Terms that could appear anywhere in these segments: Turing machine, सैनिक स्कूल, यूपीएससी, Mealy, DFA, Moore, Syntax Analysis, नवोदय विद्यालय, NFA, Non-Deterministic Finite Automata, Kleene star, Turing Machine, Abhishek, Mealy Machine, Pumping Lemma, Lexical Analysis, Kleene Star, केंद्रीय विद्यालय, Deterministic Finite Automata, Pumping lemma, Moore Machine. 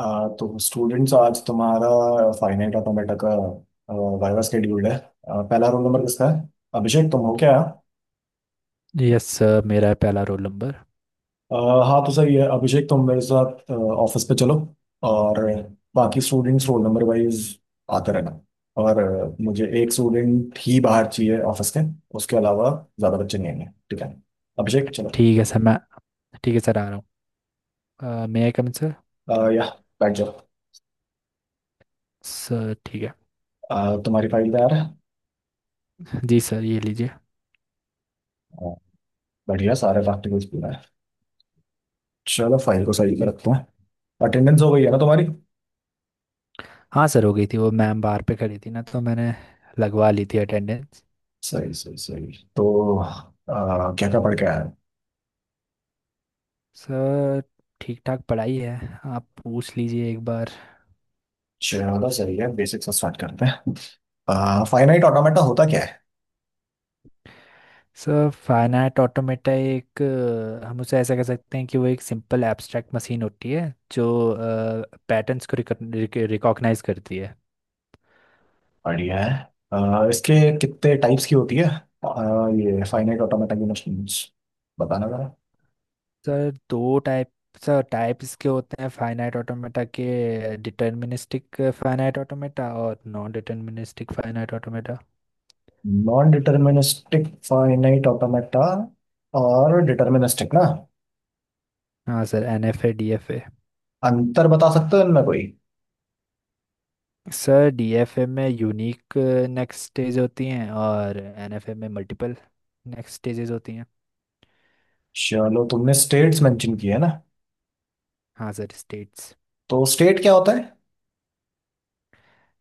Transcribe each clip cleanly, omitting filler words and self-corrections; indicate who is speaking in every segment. Speaker 1: तो स्टूडेंट्स आज तुम्हारा फाइनाइट ऑटोमेटा का वाइवा शेड्यूल है। पहला रोल नंबर किसका है? अभिषेक तुम हो क्या?
Speaker 2: यस सर, मेरा है पहला रोल नंबर।
Speaker 1: आ, हाँ तो सही है, अभिषेक तुम मेरे साथ ऑफिस पे चलो। और बाकी स्टूडेंट्स रोल नंबर वाइज आते रहना। और मुझे एक स्टूडेंट ही बाहर चाहिए ऑफिस के। उसके अलावा ज़्यादा बच्चे नहीं आएंगे, ठीक है? अभिषेक चलो।
Speaker 2: ठीक है सर, मैं ठीक है सर, आ रहा हूँ। मे आई कम इन सर।
Speaker 1: या बैठ जाओ।
Speaker 2: सर ठीक है।
Speaker 1: तुम्हारी फाइल तैयार है?
Speaker 2: जी सर, ये लीजिए।
Speaker 1: आ, बढ़िया, सारे प्रैक्टिकल्स पूरा है। चलो फाइल को सही पे रखते हैं। अटेंडेंस हो गई है ना तुम्हारी?
Speaker 2: हाँ सर, हो गई थी। वो मैम बाहर पे खड़ी थी ना, तो मैंने लगवा ली थी अटेंडेंस।
Speaker 1: सही सही सही, तो क्या क्या पढ़ के आया?
Speaker 2: सर ठीक ठाक पढ़ाई है। आप पूछ लीजिए एक बार।
Speaker 1: चलो सही है, बेसिक से स्टार्ट करते हैं। फाइनाइट ऑटोमेटा होता क्या है?
Speaker 2: सर फाइनाइट ऑटोमेटा एक हम उसे ऐसा कह सकते हैं कि वो एक सिंपल एब्स्ट्रैक्ट मशीन होती है जो पैटर्न्स को रिकॉग्नाइज करती है।
Speaker 1: बढ़िया है। इसके कितने टाइप्स की होती है? ये फाइनाइट ऑटोमेटा की मशीन्स बताना जरा।
Speaker 2: सर दो टाइप। सर टाइप इसके होते हैं फाइनाइट ऑटोमेटा के, डिटर्मिनिस्टिक फाइनाइट ऑटोमेटा और non deterministic finite automata.
Speaker 1: Non deterministic finite automata और डिटर्मिनिस्टिक ना।
Speaker 2: हाँ sir, N F A D F A.
Speaker 1: अंतर बता सकते हो इनमें कोई?
Speaker 2: सर डी एफ ए में यूनिक नेक्स्ट स्टेज होती हैं और एन एफ ए में मल्टीपल नेक्स्ट स्टेजेस होती हैं।
Speaker 1: चलो तुमने स्टेट्स मेंशन किए ना।
Speaker 2: हाँ सर, स्टेट्स।
Speaker 1: तो स्टेट क्या होता है?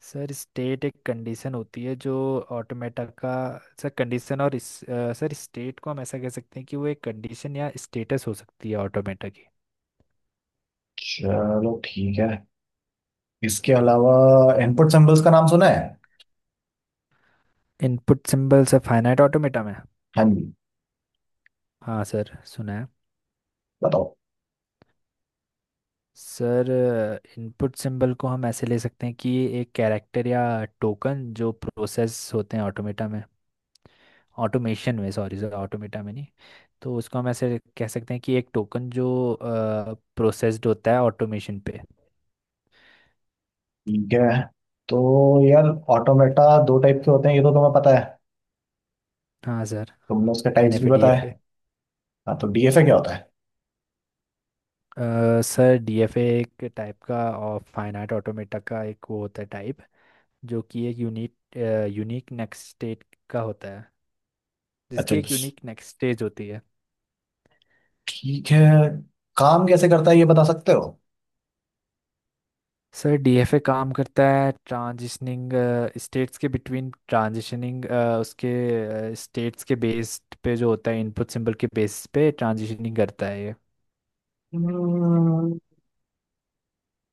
Speaker 2: सर स्टेट एक कंडीशन होती है जो ऑटोमेटा का सर कंडीशन और सर स्टेट को हम ऐसा कह सकते हैं कि वो एक कंडीशन या स्टेटस हो सकती है ऑटोमेटा की।
Speaker 1: चलो ठीक है। इसके अलावा इनपुट सिंबल्स का नाम सुना है?
Speaker 2: इनपुट सिंबल्स फाइनाइट ऑटोमेटा में।
Speaker 1: हाँ जी।
Speaker 2: हाँ सर, सुना है।
Speaker 1: बताओ।
Speaker 2: सर इनपुट सिंबल को हम ऐसे ले सकते हैं कि ये एक कैरेक्टर या टोकन जो प्रोसेस होते हैं ऑटोमेटा में, ऑटोमेशन में, सॉरी सर ऑटोमेटा में नहीं, तो उसको हम ऐसे कह सकते हैं कि एक टोकन जो प्रोसेस्ड होता है ऑटोमेशन पे।
Speaker 1: ठीक है, तो यार ऑटोमेटा दो टाइप के होते हैं, ये तो तुम्हें पता है।
Speaker 2: हाँ सर,
Speaker 1: तुमने उसके
Speaker 2: एन
Speaker 1: टाइप्स भी
Speaker 2: एफ ए डी
Speaker 1: बताए।
Speaker 2: F A.
Speaker 1: हाँ तो डीएफए क्या होता है?
Speaker 2: सर डी एफ ए एक टाइप का और फाइनाइट ऑटोमेटा का एक वो होता है टाइप, जो कि एक यूनिक यूनिक नेक्स्ट स्टेट का होता है,
Speaker 1: अच्छा,
Speaker 2: जिसकी एक यूनिक नेक्स्ट स्टेज होती है।
Speaker 1: ठीक है। काम कैसे करता है ये बता सकते हो?
Speaker 2: सर डीएफए काम करता है ट्रांजिशनिंग स्टेट्स के बिटवीन, ट्रांजिशनिंग उसके स्टेट्स के बेस पे, जो होता है इनपुट सिंबल के बेस पे ट्रांजिशनिंग करता है ये।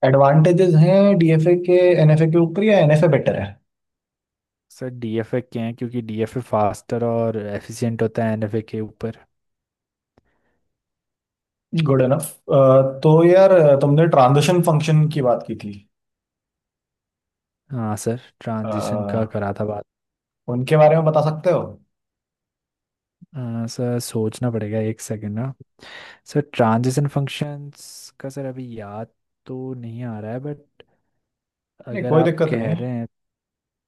Speaker 1: एडवांटेजेस हैं डीएफए के एनएफए के ऊपर या एनएफए बेटर है?
Speaker 2: सर डीएफए क्या है, क्योंकि डीएफए फास्टर और एफिशिएंट होता है एनएफए के ऊपर।
Speaker 1: Good enough. तो यार तुमने ट्रांजिशन फंक्शन की बात की थी।
Speaker 2: हाँ सर,
Speaker 1: अ,
Speaker 2: ट्रांजिशन का करा था बात।
Speaker 1: उनके बारे में बता सकते हो?
Speaker 2: सर सोचना पड़ेगा एक सेकंड ना। सर ट्रांजिशन फंक्शंस का सर अभी याद तो नहीं आ रहा है, बट
Speaker 1: नहीं
Speaker 2: अगर
Speaker 1: कोई
Speaker 2: आप
Speaker 1: दिक्कत
Speaker 2: कह
Speaker 1: नहीं है।
Speaker 2: रहे हैं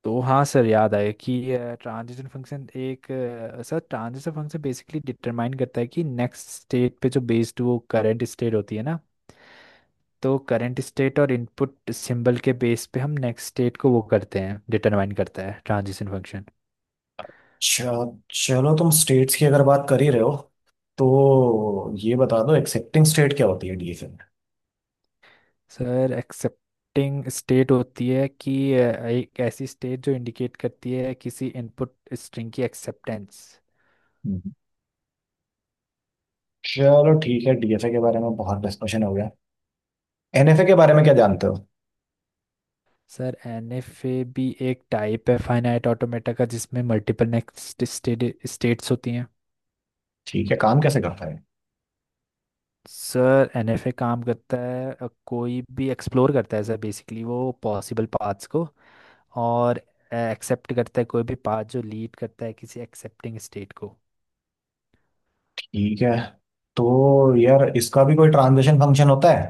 Speaker 2: तो, हाँ सर याद आया कि ट्रांजिशन फंक्शन एक sir transition function basically determine करता है कि नेक्स्ट स्टेट पे जो बेस्ड वो करंट स्टेट होती है ना, तो करंट स्टेट और इनपुट सिंबल के बेस पे हम नेक्स्ट स्टेट को वो करते हैं, डिटरमाइन करता है ट्रांजिशन फंक्शन।
Speaker 1: चल- चलो तुम स्टेट्स की अगर बात कर ही रहे हो, तो ये बता दो एक्सेप्टिंग स्टेट क्या होती है डीएफए में?
Speaker 2: सर एक्सेप्टिंग स्टेट होती है कि एक ऐसी स्टेट जो इंडिकेट करती है किसी इनपुट स्ट्रिंग की एक्सेप्टेंस।
Speaker 1: हम्म। चलो ठीक है, डीएफए के बारे में बहुत डिस्कशन हो गया। एनएफए के बारे में क्या जानते हो?
Speaker 2: सर एनएफए भी एक टाइप है फाइनाइट ऑटोमेटा का, जिसमें मल्टीपल नेक्स्ट स्टेट्स होती हैं।
Speaker 1: ठीक है, काम कैसे करता है?
Speaker 2: सर एनएफए काम करता है कोई भी एक्सप्लोर करता है सर, बेसिकली वो पॉसिबल पाथ्स को, और एक्सेप्ट करता है कोई भी पाथ जो लीड करता है किसी एक्सेप्टिंग स्टेट को।
Speaker 1: ठीक है, तो यार इसका भी कोई ट्रांजिशन फंक्शन होता है?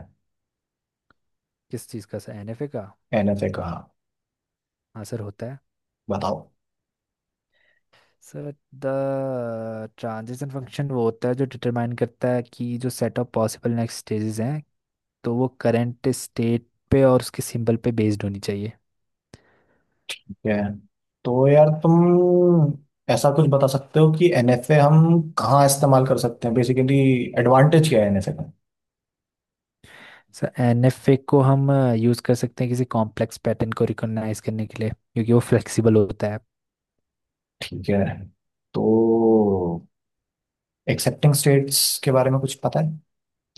Speaker 2: किस चीज़ का सर, एनएफए का?
Speaker 1: एनएफए का, हाँ।
Speaker 2: हाँ सर, होता है।
Speaker 1: बताओ।
Speaker 2: सर द ट्रांजिशन फंक्शन वो होता है जो डिटरमाइन करता है कि जो set of possible next stages हैं, तो वो करंट स्टेट पे और उसके सिंबल पे बेस्ड होनी चाहिए।
Speaker 1: ठीक है, तो यार तुम ऐसा कुछ बता सकते हो कि एनएफए हम कहाँ इस्तेमाल कर सकते हैं बेसिकली? एडवांटेज क्या है एनएफए का?
Speaker 2: सर एन एफ ए को हम यूज़ कर सकते हैं किसी कॉम्प्लेक्स पैटर्न को रिकॉग्नाइज करने के लिए, क्योंकि वो फ्लेक्सिबल होता है।
Speaker 1: ठीक है, तो एक्सेप्टिंग स्टेट्स के बारे में कुछ पता है?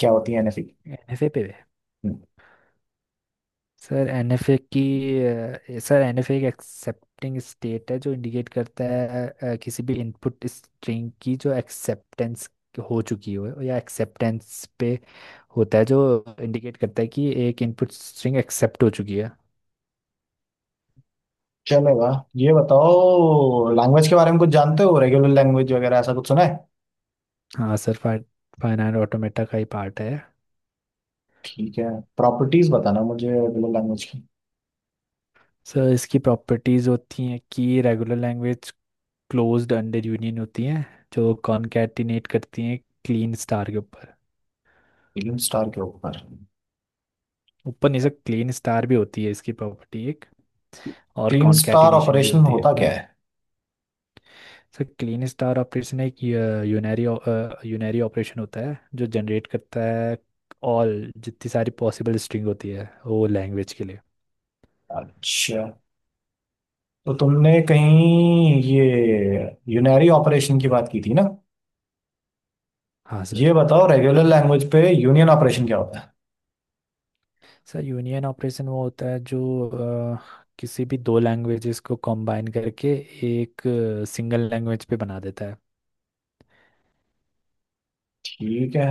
Speaker 1: क्या होती है एनएफई?
Speaker 2: एन एफ ए पे। सर एन एफ ए की सर एन एफ ए एक एक्सेप्टिंग स्टेट है जो इंडिकेट करता है किसी भी इनपुट स्ट्रिंग की जो एक्सेप्टेंस हो चुकी हो, या एक्सेप्टेंस पे होता है जो इंडिकेट करता है कि एक इनपुट स्ट्रिंग एक्सेप्ट हो चुकी है।
Speaker 1: चलेगा। ये बताओ, लैंग्वेज के बारे में कुछ जानते हो? रेगुलर लैंग्वेज वगैरह ऐसा कुछ सुना है?
Speaker 2: हाँ सर, फाइनाइट ऑटोमेटा का ही पार्ट है।
Speaker 1: ठीक है, प्रॉपर्टीज बताना मुझे रेगुलर लैंग्वेज की।
Speaker 2: सर इसकी प्रॉपर्टीज होती हैं कि regular language closed under union होती हैं, जो कॉनकैटिनेट करती हैं क्लीन स्टार के ऊपर।
Speaker 1: क्लीन स्टार के ऊपर?
Speaker 2: ऊपर नहीं सर, क्लीन स्टार भी होती है इसकी प्रॉपर्टी एक, और
Speaker 1: क्लीन स्टार
Speaker 2: कॉनकैटिनेशन भी
Speaker 1: ऑपरेशन
Speaker 2: होती है।
Speaker 1: होता क्या है?
Speaker 2: सर क्लीन स्टार ऑपरेशन एक यूनरी यूनरी ऑपरेशन होता है जो जनरेट करता है ऑल, जितनी सारी पॉसिबल स्ट्रिंग होती है वो लैंग्वेज के लिए।
Speaker 1: अच्छा, तो तुमने कहीं ये यूनरी ऑपरेशन की बात की थी ना।
Speaker 2: हाँ सर।
Speaker 1: ये बताओ रेगुलर लैंग्वेज पे यूनियन ऑपरेशन क्या होता है?
Speaker 2: सर यूनियन ऑपरेशन वो होता है जो किसी भी दो लैंग्वेजेस को कंबाइन करके एक सिंगल लैंग्वेज पे बना देता है।
Speaker 1: ठीक है,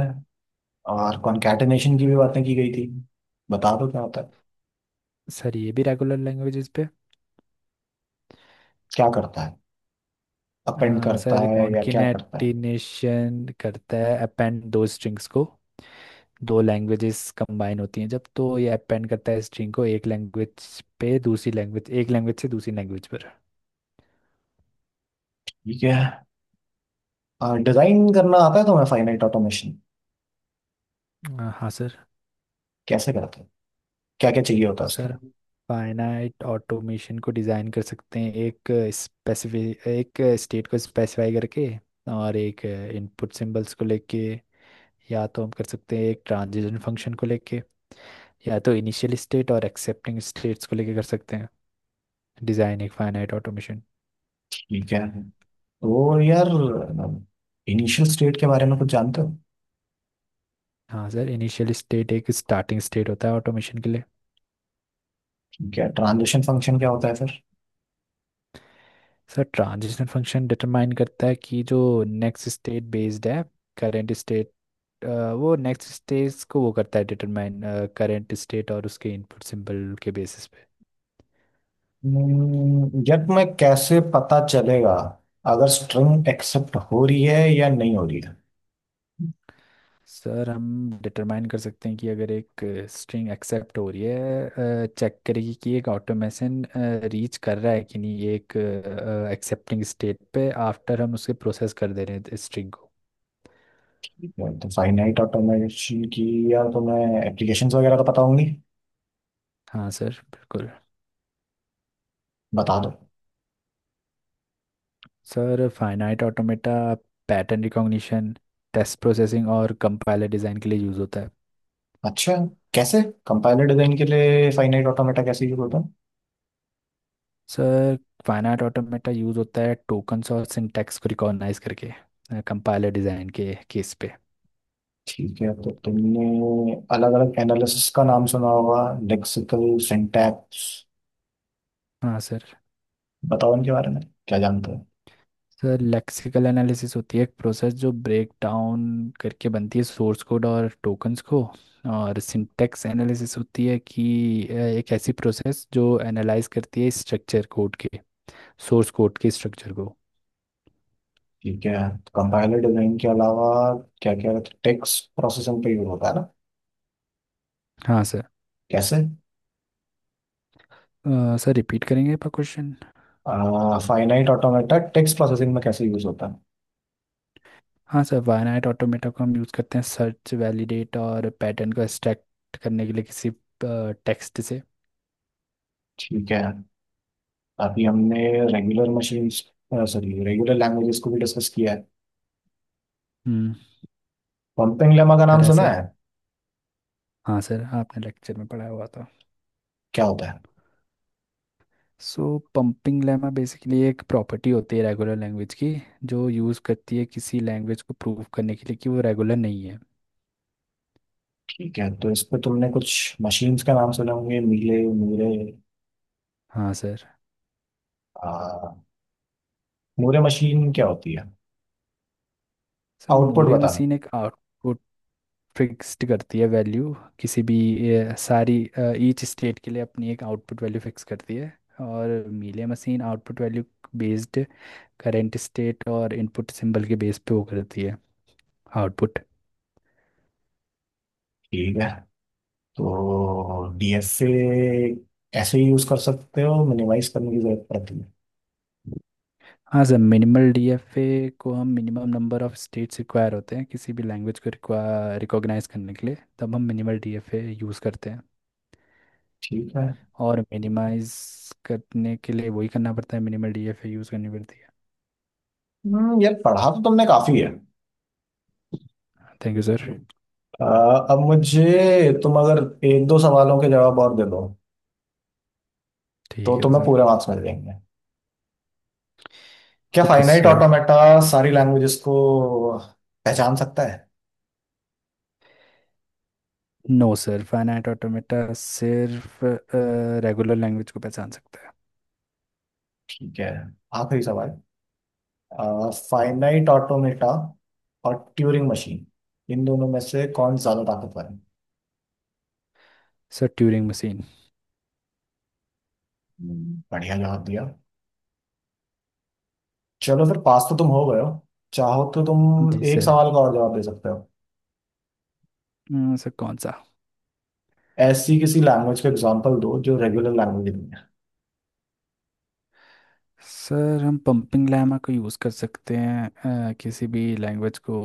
Speaker 1: और कॉन्कैटेनेशन की भी बातें की गई थी। बता दो क्या होता है?
Speaker 2: सर ये भी रेगुलर लैंग्वेजेस पे
Speaker 1: क्या करता है? अपेंड करता
Speaker 2: सर
Speaker 1: है या क्या करता है?
Speaker 2: कॉन्किनेटिनेशन करता है अपेंड दो स्ट्रिंग्स को, दो लैंग्वेजेस कंबाइन होती हैं जब, तो ये अपेंड करता है स्ट्रिंग को एक लैंग्वेज पे दूसरी लैंग्वेज, एक लैंग्वेज से दूसरी लैंग्वेज पर।
Speaker 1: ठीक है, डिजाइन करना आता है तुम्हें फाइनाइट ऑटोमेशन?
Speaker 2: हाँ सर।
Speaker 1: कैसे करते हैं? क्या क्या चाहिए होता है उसके
Speaker 2: सर
Speaker 1: लिए?
Speaker 2: हम फाइनाइट ऑटोमेशन को डिज़ाइन कर सकते हैं एक स्पेसिफिक एक स्टेट को स्पेसिफाई करके, और एक इनपुट सिंबल्स को लेके, या तो हम कर सकते हैं एक ट्रांजिशन फंक्शन को लेके, या तो इनिशियल स्टेट और एक्सेप्टिंग स्टेट्स को लेके कर सकते हैं डिज़ाइन एक फाइनाइट ऑटोमेशन।
Speaker 1: ठीक है, तो यार इनिशियल स्टेट के बारे में कुछ जानते हो?
Speaker 2: हाँ सर, इनिशियल स्टेट एक स्टार्टिंग स्टेट होता है ऑटोमेशन के लिए।
Speaker 1: ठीक है, ट्रांजिशन फंक्शन क्या होता है फिर?
Speaker 2: सर ट्रांजिशन फंक्शन डिटरमाइन करता है कि जो नेक्स्ट स्टेट बेस्ड है करेंट स्टेट, अ, वो नेक्स्ट स्टेज को वो करता है डिटरमाइन करंट स्टेट और उसके इनपुट सिंबल के बेसिस पे।
Speaker 1: यार मैं कैसे पता चलेगा अगर स्ट्रिंग एक्सेप्ट हो रही है या नहीं हो रही है?
Speaker 2: सर हम डिटरमाइन कर सकते हैं कि अगर एक स्ट्रिंग एक्सेप्ट हो रही है, चेक करेगी कि एक ऑटोमेशन रीच कर रहा है कि नहीं ये एक एक्सेप्टिंग स्टेट पे, आफ्टर हम उसे प्रोसेस कर दे रहे हैं स्ट्रिंग को।
Speaker 1: ठीक है, तो फाइनाइट ऑटोमेशन की, यार तुम्हें एप्लीकेशंस वगैरह तो पता होंगी।
Speaker 2: हाँ सर बिल्कुल।
Speaker 1: बता दो।
Speaker 2: Sir finite automata pattern recognition, test processing और कंपाइलर डिज़ाइन के लिए यूज़ होता है।
Speaker 1: अच्छा, कैसे? कंपाइलर डिजाइन के लिए फाइनाइट ऑटोमेटा कैसे यूज होता है?
Speaker 2: सर फाइनाइट ऑटोमेटा यूज़ होता है टोकन्स और सिंटैक्स को रिकॉग्नाइज करके कंपाइलर डिज़ाइन के केस पे।
Speaker 1: ठीक है, तो तुमने अलग अलग एनालिसिस का नाम सुना होगा, लेक्सिकल सिंटैक्स।
Speaker 2: हाँ सर।
Speaker 1: बताओ इनके बारे में क्या जानते हो।
Speaker 2: सर लेक्सिकल एनालिसिस होती है एक प्रोसेस जो ब्रेक डाउन करके बनती है सोर्स कोड और टोकन्स को, और सिंटैक्स एनालिसिस होती है कि एक ऐसी प्रोसेस जो एनालाइज करती है स्ट्रक्चर कोड के, सोर्स कोड के स्ट्रक्चर को।
Speaker 1: ठीक है, कंपाइलर डिजाइन के अलावा क्या क्या? टेक्स्ट प्रोसेसिंग पे यूज होता है ना?
Speaker 2: हाँ सर।
Speaker 1: कैसे?
Speaker 2: सर रिपीट करेंगे आपका question.
Speaker 1: Finite automata text processing में कैसे यूज होता है?
Speaker 2: हाँ सर, वायनाइट ऑटोमेटा को हम यूज़ करते हैं सर्च, वैलिडेट और पैटर्न को एक्सट्रैक्ट करने के लिए किसी टेक्स्ट से।
Speaker 1: ठीक है। अभी हमने regular machines, sorry regular languages को भी डिस्कस किया है।
Speaker 2: हम्म।
Speaker 1: पंपिंग लेमा का नाम
Speaker 2: करा है
Speaker 1: सुना
Speaker 2: सर।
Speaker 1: है?
Speaker 2: हाँ सर, आपने लेक्चर में पढ़ाया हुआ था।
Speaker 1: क्या होता है?
Speaker 2: सो पंपिंग लेमा बेसिकली एक प्रॉपर्टी होती है रेगुलर लैंग्वेज की, जो यूज़ करती है किसी लैंग्वेज को प्रूव करने के लिए कि वो रेगुलर नहीं है।
Speaker 1: ठीक है, तो इस पे तुमने कुछ मशीन्स का नाम सुने होंगे, मीले मूरे।
Speaker 2: हाँ सर।
Speaker 1: आ, मूरे मशीन क्या होती है?
Speaker 2: सर
Speaker 1: आउटपुट
Speaker 2: मूरे
Speaker 1: बताना।
Speaker 2: मशीन एक आउटपुट फिक्स्ड करती है वैल्यू किसी भी सारी ईच स्टेट के लिए अपनी एक आउटपुट वैल्यू फिक्स करती है, और Mealy machine output value based current state और इनपुट सिंबल के बेस पे वो करती है आउटपुट।
Speaker 1: ठीक है, तो डीएफए ऐसे ही यूज कर सकते हो? मिनिमाइज करने की जरूरत पड़ती है?
Speaker 2: हाँ सर, मिनिमल डीएफए को हम, minimum number of states require होते हैं किसी भी लैंग्वेज को रिकॉग्नाइज करने के लिए, तब हम मिनिमल डीएफए यूज़ करते हैं।
Speaker 1: ठीक है।
Speaker 2: और मिनिमाइज करने के लिए वही करना पड़ता है, मिनिमल डीएफए यूज़ करनी पड़ती है।
Speaker 1: यार पढ़ा तो तुमने काफी है।
Speaker 2: Thank you sir.
Speaker 1: आ, अब मुझे तुम अगर एक दो सवालों के जवाब और दे दो तो
Speaker 2: ठीक है
Speaker 1: तुम्हें
Speaker 2: सर।
Speaker 1: पूरे मार्क्स मिल जाएंगे। क्या
Speaker 2: ओके
Speaker 1: फाइनाइट
Speaker 2: सर।
Speaker 1: ऑटोमेटा सारी लैंग्वेजेस को पहचान सकता है?
Speaker 2: नो सर, फाइनाइट ऑटोमेटा सिर्फ रेगुलर लैंग्वेज को पहचान सकता है।
Speaker 1: ठीक है, आखिरी सवाल। फाइनाइट ऑटोमेटा और ट्यूरिंग मशीन, इन दोनों में से कौन ज्यादा ताकतवर है?
Speaker 2: Sir Turing machine.
Speaker 1: बढ़िया जवाब दिया। चलो फिर पास तो तुम हो गए हो। चाहो तो तुम
Speaker 2: जी
Speaker 1: एक
Speaker 2: सर।
Speaker 1: सवाल का और जवाब दे सकते हो।
Speaker 2: सर कौन सा?
Speaker 1: ऐसी किसी लैंग्वेज का एग्जांपल दो जो रेगुलर लैंग्वेज नहीं है।
Speaker 2: सर हम पंपिंग लैमा को यूज़ कर सकते हैं किसी भी लैंग्वेज को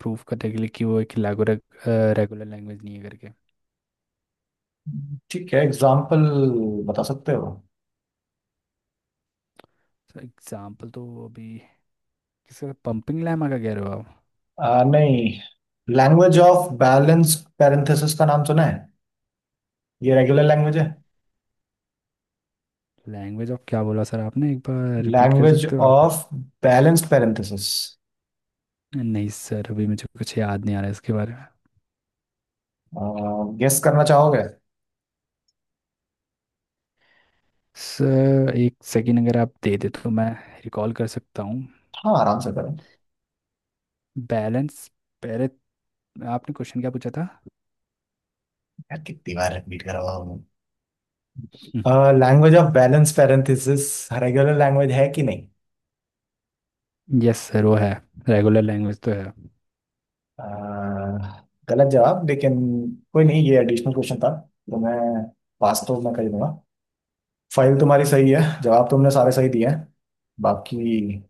Speaker 2: प्रूव करने के लिए कि वो एक रेगुलर रेगुलर लैंग्वेज नहीं है करके।
Speaker 1: ठीक है, एग्जांपल बता सकते हो?
Speaker 2: सर एग्जांपल तो अभी, सर पंपिंग लैमा का कह रहे हो आप?
Speaker 1: नहीं, लैंग्वेज ऑफ बैलेंस पैरेंथेसिस का नाम सुना है? ये रेगुलर लैंग्वेज है।
Speaker 2: लैंग्वेज ऑफ क्या बोला सर आपने, एक बार रिपीट कर
Speaker 1: लैंग्वेज
Speaker 2: सकते हो आप?
Speaker 1: Of balance parenthesis.
Speaker 2: नहीं सर, अभी मुझे कुछ याद नहीं आ रहा है इसके बारे में।
Speaker 1: गेस करना चाहोगे?
Speaker 2: सर एक सेकंड अगर आप दे दे तो मैं रिकॉल कर सकता हूँ।
Speaker 1: हाँ आराम से करो।
Speaker 2: बैलेंस, पहले आपने क्वेश्चन क्या पूछा था?
Speaker 1: यार कितनी बार रिपीट करवाओ मैं। Language of balance parenthesis regular language है कि नहीं?
Speaker 2: यस सर, वो है। रेगुलर लैंग्वेज तो है।
Speaker 1: अह, गलत जवाब, लेकिन कोई नहीं, ये एडिशनल क्वेश्चन था। तो मैं पास तो मैं कर दूंगा। फाइल तुम्हारी सही है, जवाब तुमने सारे सही दिए हैं। बाकी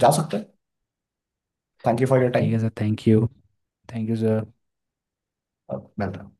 Speaker 1: जा सकते हैं। थैंक यू फॉर योर
Speaker 2: ठीक
Speaker 1: टाइम।
Speaker 2: है sir, thank you. Thank you sir.
Speaker 1: अब मिलते हैं।